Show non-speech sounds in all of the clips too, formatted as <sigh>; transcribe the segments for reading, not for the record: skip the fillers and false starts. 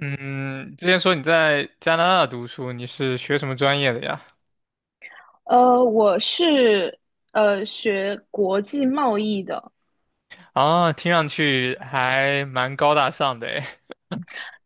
嗯，之前说你在加拿大读书，你是学什么专业的呀？我是学国际贸易的。啊，听上去还蛮高大上的诶。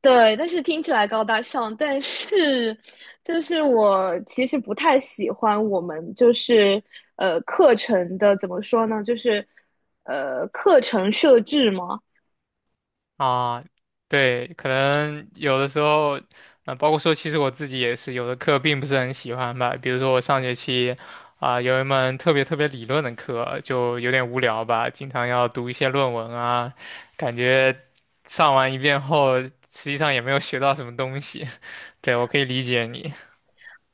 对，但是听起来高大上，但是我其实不太喜欢我们课程的，怎么说呢，就是课程设置嘛。啊，对，可能有的时候，包括说，其实我自己也是有的课并不是很喜欢吧。比如说我上学期，有一门特别特别理论的课，就有点无聊吧，经常要读一些论文啊，感觉上完一遍后，实际上也没有学到什么东西。<laughs> 对，我可以理解你。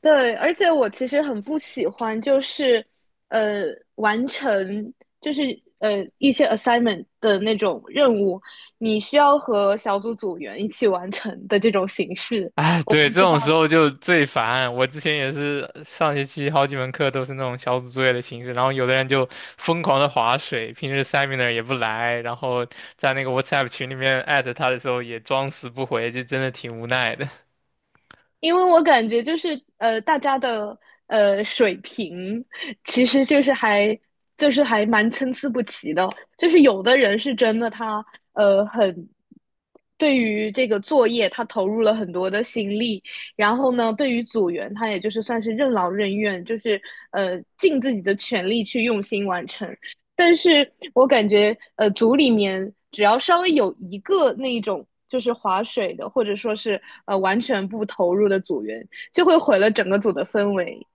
对，而且我其实很不喜欢，呃完成就是呃一些 assignment 的那种任务，你需要和小组组员一起完成的这种形式。<laughs> 哎，对，这知道。种时候就最烦。我之前也是上学期好几门课都是那种小组作业的形式，然后有的人就疯狂的划水，平时 seminar 也不来，然后在那个 WhatsApp 群里面艾特他的时候也装死不回，就真的挺无奈的。<laughs> 因为我感觉，大家的水平其实就是还就是还蛮参差不齐的，就是有的人是真的他呃很对于这个作业他投入了很多的心力。然后呢，对于组员他也就是算是任劳任怨，就是尽自己的全力去用心完成。但是我感觉，呃，组里面只要稍微有一个那一种就是划水的，或者说是完全不投入的组员，就会毁了整个组的氛围。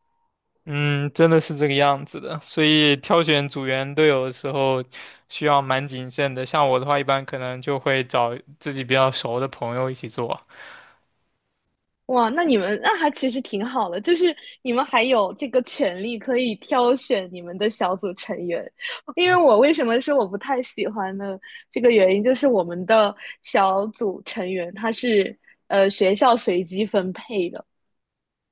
嗯，真的是这个样子的，所以挑选组员队友的时候需要蛮谨慎的。像我的话，一般可能就会找自己比较熟的朋友一起做。哇，那你们那还其实挺好的，就是你们还有这个权利可以挑选你们的小组成员。因为我为什么说我不太喜欢呢？这个原因就是我们的小组成员他是学校随机分配的。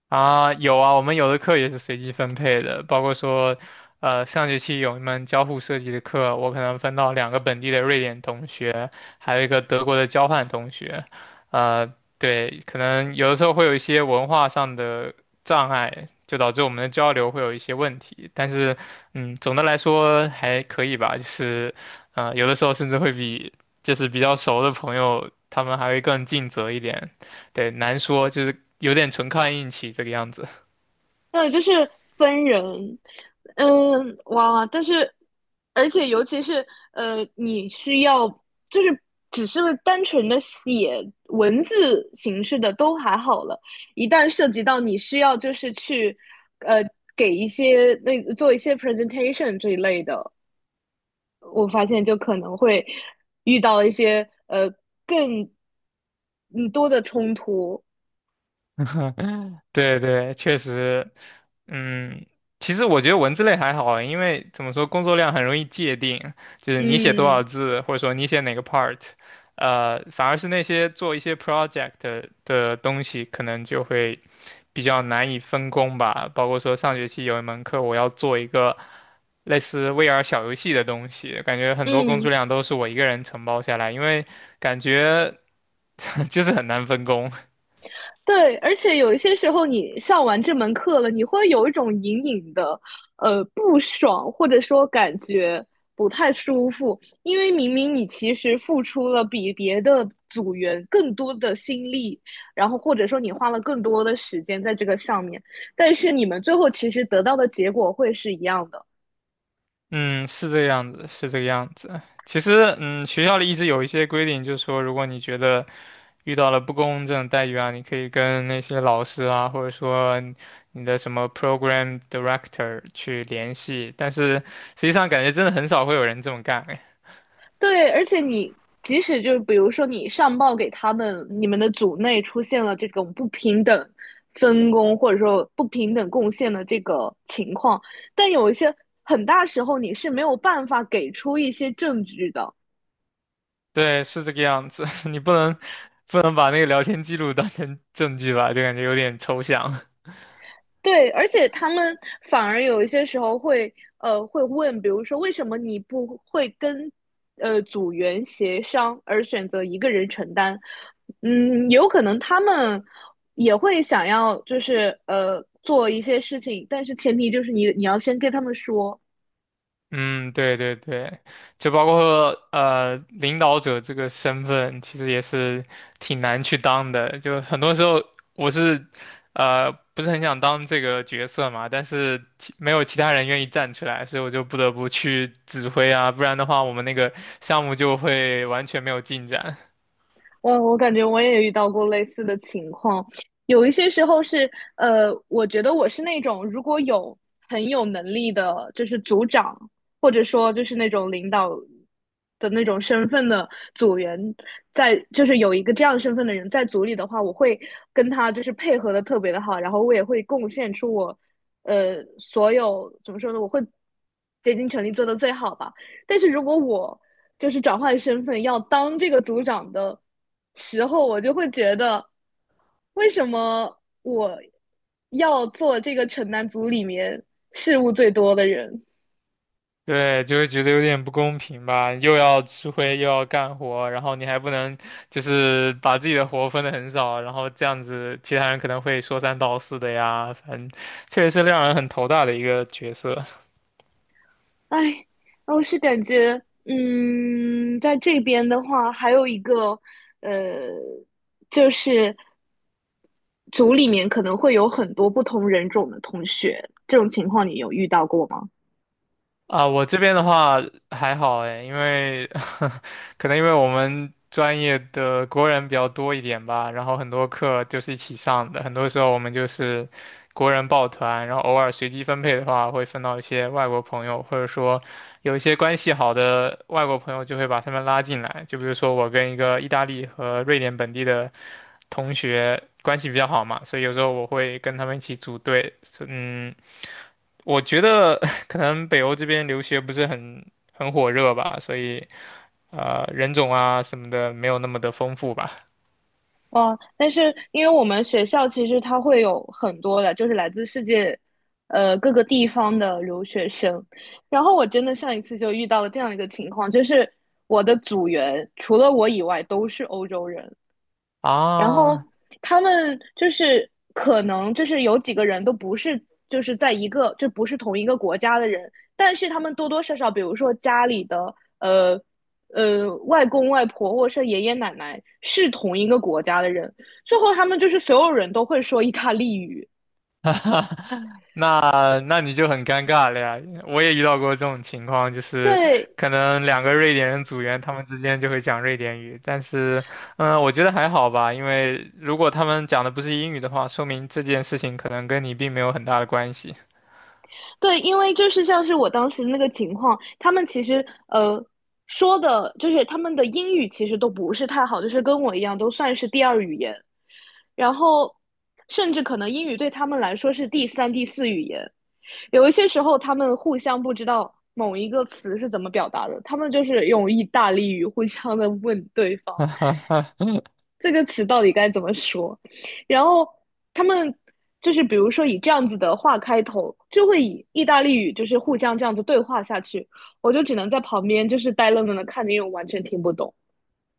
啊，有啊，我们有的课也是随机分配的，包括说，上学期有一门交互设计的课，我可能分到两个本地的瑞典同学，还有一个德国的交换同学，呃，对，可能有的时候会有一些文化上的障碍，就导致我们的交流会有一些问题，但是，嗯，总的来说还可以吧，就是，有的时候甚至会比就是比较熟的朋友，他们还会更尽责一点。对，难说，就是有点纯靠运气这个样子。对，就是分人，嗯，哇，但是，而且尤其是，呃，你需要就是只是单纯的写文字形式的都还好了，一旦涉及到你需要就是去，呃，给一些那做一些 presentation 这一类的，我发现就可能会遇到一些更嗯多的冲突。<laughs> 对对，确实，嗯，其实我觉得文字类还好啊，因为怎么说，工作量很容易界定，就是你写多少嗯字，或者说你写哪个 part，反而是那些做一些 project 的东西，可能就会比较难以分工吧。包括说上学期有一门课，我要做一个类似 VR 小游戏的东西，感觉很多工作嗯。量都是我一个人承包下来，因为感觉 <laughs> 就是很难分工。对，而且有一些时候你上完这门课了，你会有一种隐隐的不爽，或者说感觉不太舒服，因为明明你其实付出了比别的组员更多的心力，然后或者说你花了更多的时间在这个上面，但是你们最后其实得到的结果会是一样的。嗯，是这个样子，是这个样子。其实，嗯，学校里一直有一些规定，就是说，如果你觉得遇到了不公正的待遇啊，你可以跟那些老师啊，或者说你的什么 program director 去联系。但是实际上，感觉真的很少会有人这么干。哎，对，而且即使就是比如说你上报给他们，你们的组内出现了这种不平等分工或者说不平等贡献的这个情况，但有一些很大时候你是没有办法给出一些证据的。对，是这个样子。<laughs> 你不能把那个聊天记录当成证据吧，就感觉有点抽象。对，而且他们反而有一些时候会，呃，会问，比如说为什么你不会跟，呃，组员协商而选择一个人承担？嗯，有可能他们也会想要，就是呃，做一些事情，但是前提就是你要先跟他们说。嗯，对对对，就包括领导者这个身份，其实也是挺难去当的。就很多时候我是不是很想当这个角色嘛，但是其没有其他人愿意站出来，所以我就不得不去指挥啊，不然的话我们那个项目就会完全没有进展。我感觉我也遇到过类似的情况。有一些时候是，呃，我觉得我是那种，如果有很有能力的，就是组长或者说就是那种领导的那种身份的组员在，就是有一个这样身份的人在组里的话，我会跟他就是配合的特别的好，然后我也会贡献出我，呃，所有怎么说呢，我会竭尽全力做的最好吧。但是如果我就是转换身份要当这个组长的时候，我就会觉得，为什么我要做这个城南组里面事务最多的人？对，就会觉得有点不公平吧，又要吃灰又要干活，然后你还不能就是把自己的活分的很少，然后这样子其他人可能会说三道四的呀，反正确实是让人很头大的一个角色。哎，我是感觉，嗯，在这边的话，还有一个，呃，就是组里面可能会有很多不同人种的同学，这种情况你有遇到过吗？啊，我这边的话还好哎，因为 <laughs> 可能因为我们专业的国人比较多一点吧，然后很多课就是一起上的，很多时候我们就是国人抱团，然后偶尔随机分配的话，会分到一些外国朋友，或者说有一些关系好的外国朋友就会把他们拉进来，就比如说我跟一个意大利和瑞典本地的同学关系比较好嘛，所以有时候我会跟他们一起组队，嗯。我觉得 <laughs> 可能北欧这边留学不是很火热吧，所以人种啊什么的没有那么的丰富吧。哦，但是因为我们学校其实它会有很多的，就是来自世界，各个地方的留学生。然后我真的上一次就遇到了这样一个情况，就是我的组员除了我以外都是欧洲人。然后啊，他们就是可能就是有几个人都不是就是在一个就不是同一个国家的人，但是他们多多少少，比如说家里的外公外婆或者是爷爷奶奶是同一个国家的人，最后他们就是所有人都会说意大利语。<laughs> 那你就很尴尬了呀！我也遇到过这种情况，就是对。可能两个瑞典人组员，他们之间就会讲瑞典语，但是，嗯，我觉得还好吧，因为如果他们讲的不是英语的话，说明这件事情可能跟你并没有很大的关系。对，因为就是像是我当时那个情况，他们其实说的，就是他们的英语其实都不是太好，就是跟我一样都算是第二语言，然后甚至可能英语对他们来说是第三、第四语言。有一些时候他们互相不知道某一个词是怎么表达的，他们就是用意大利语互相的问对方，<laughs> 这个词到底该怎么说？然后他们就是比如说以这样子的话开头，就会以意大利语就是互相这样子对话下去，我就只能在旁边就是呆愣愣的看着，因为我完全听不懂。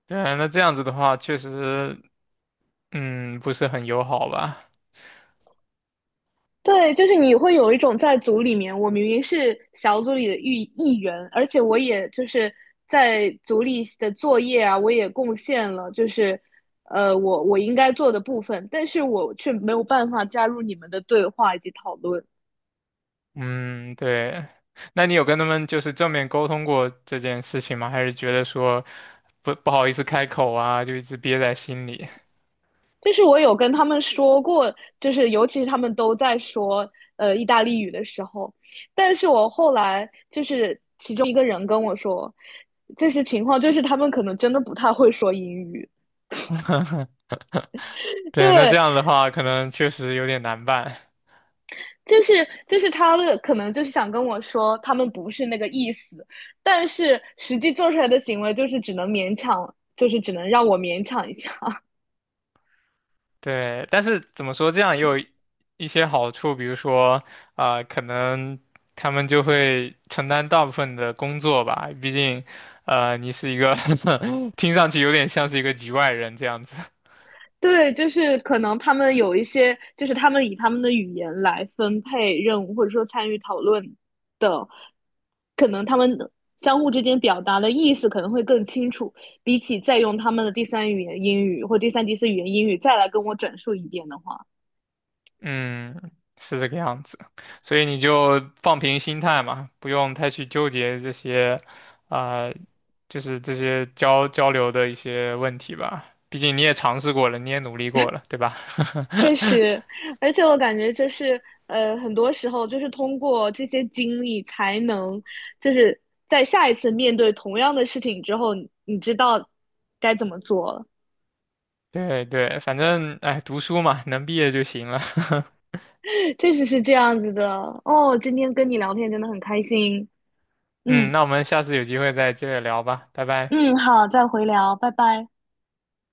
对，那这样子的话，确实嗯，不是很友好吧？对，就是你会有一种在组里面，我明明是小组里的一员，而且我也就是在组里的作业啊，我也贡献了，就是呃，我应该做的部分，但是我却没有办法加入你们的对话以及讨论。嗯，对。那你有跟他们就是正面沟通过这件事情吗？还是觉得说不好意思开口啊，就一直憋在心里？就是我有跟他们说过，就是尤其是他们都在说意大利语的时候，但是我后来就是其中一个人跟我说，就是情况就是他们可能真的不太会说英语。<laughs> 对，那这对，样的话可能确实有点难办。就是就是他的可能就是想跟我说他们不是那个意思，但是实际做出来的行为就是只能勉强，就是只能让我勉强一下。对，但是怎么说，这样也有一些好处，比如说，啊，可能他们就会承担大部分的工作吧，毕竟，你是一个 <laughs> 听上去有点像是一个局外人这样子。对，就是可能他们有一些，就是他们以他们的语言来分配任务，或者说参与讨论的，可能他们相互之间表达的意思可能会更清楚，比起再用他们的第三语言英语或第三、第四语言英语再来跟我转述一遍的话，嗯，是这个样子，所以你就放平心态嘛，不用太去纠结这些，啊、就是这些交流的一些问题吧。毕竟你也尝试过了，你也努力过了，对吧？确 <laughs> 实，而且我感觉，很多时候就是通过这些经历才能，就是在下一次面对同样的事情之后，你知道该怎么做了。对对，反正哎，读书嘛，能毕业就行了。<laughs> 确实是这样子的哦。今天跟你聊天真的很开心。嗯，嗯。那我们下次有机会再接着聊吧，拜拜。嗯，好，再回聊，拜拜。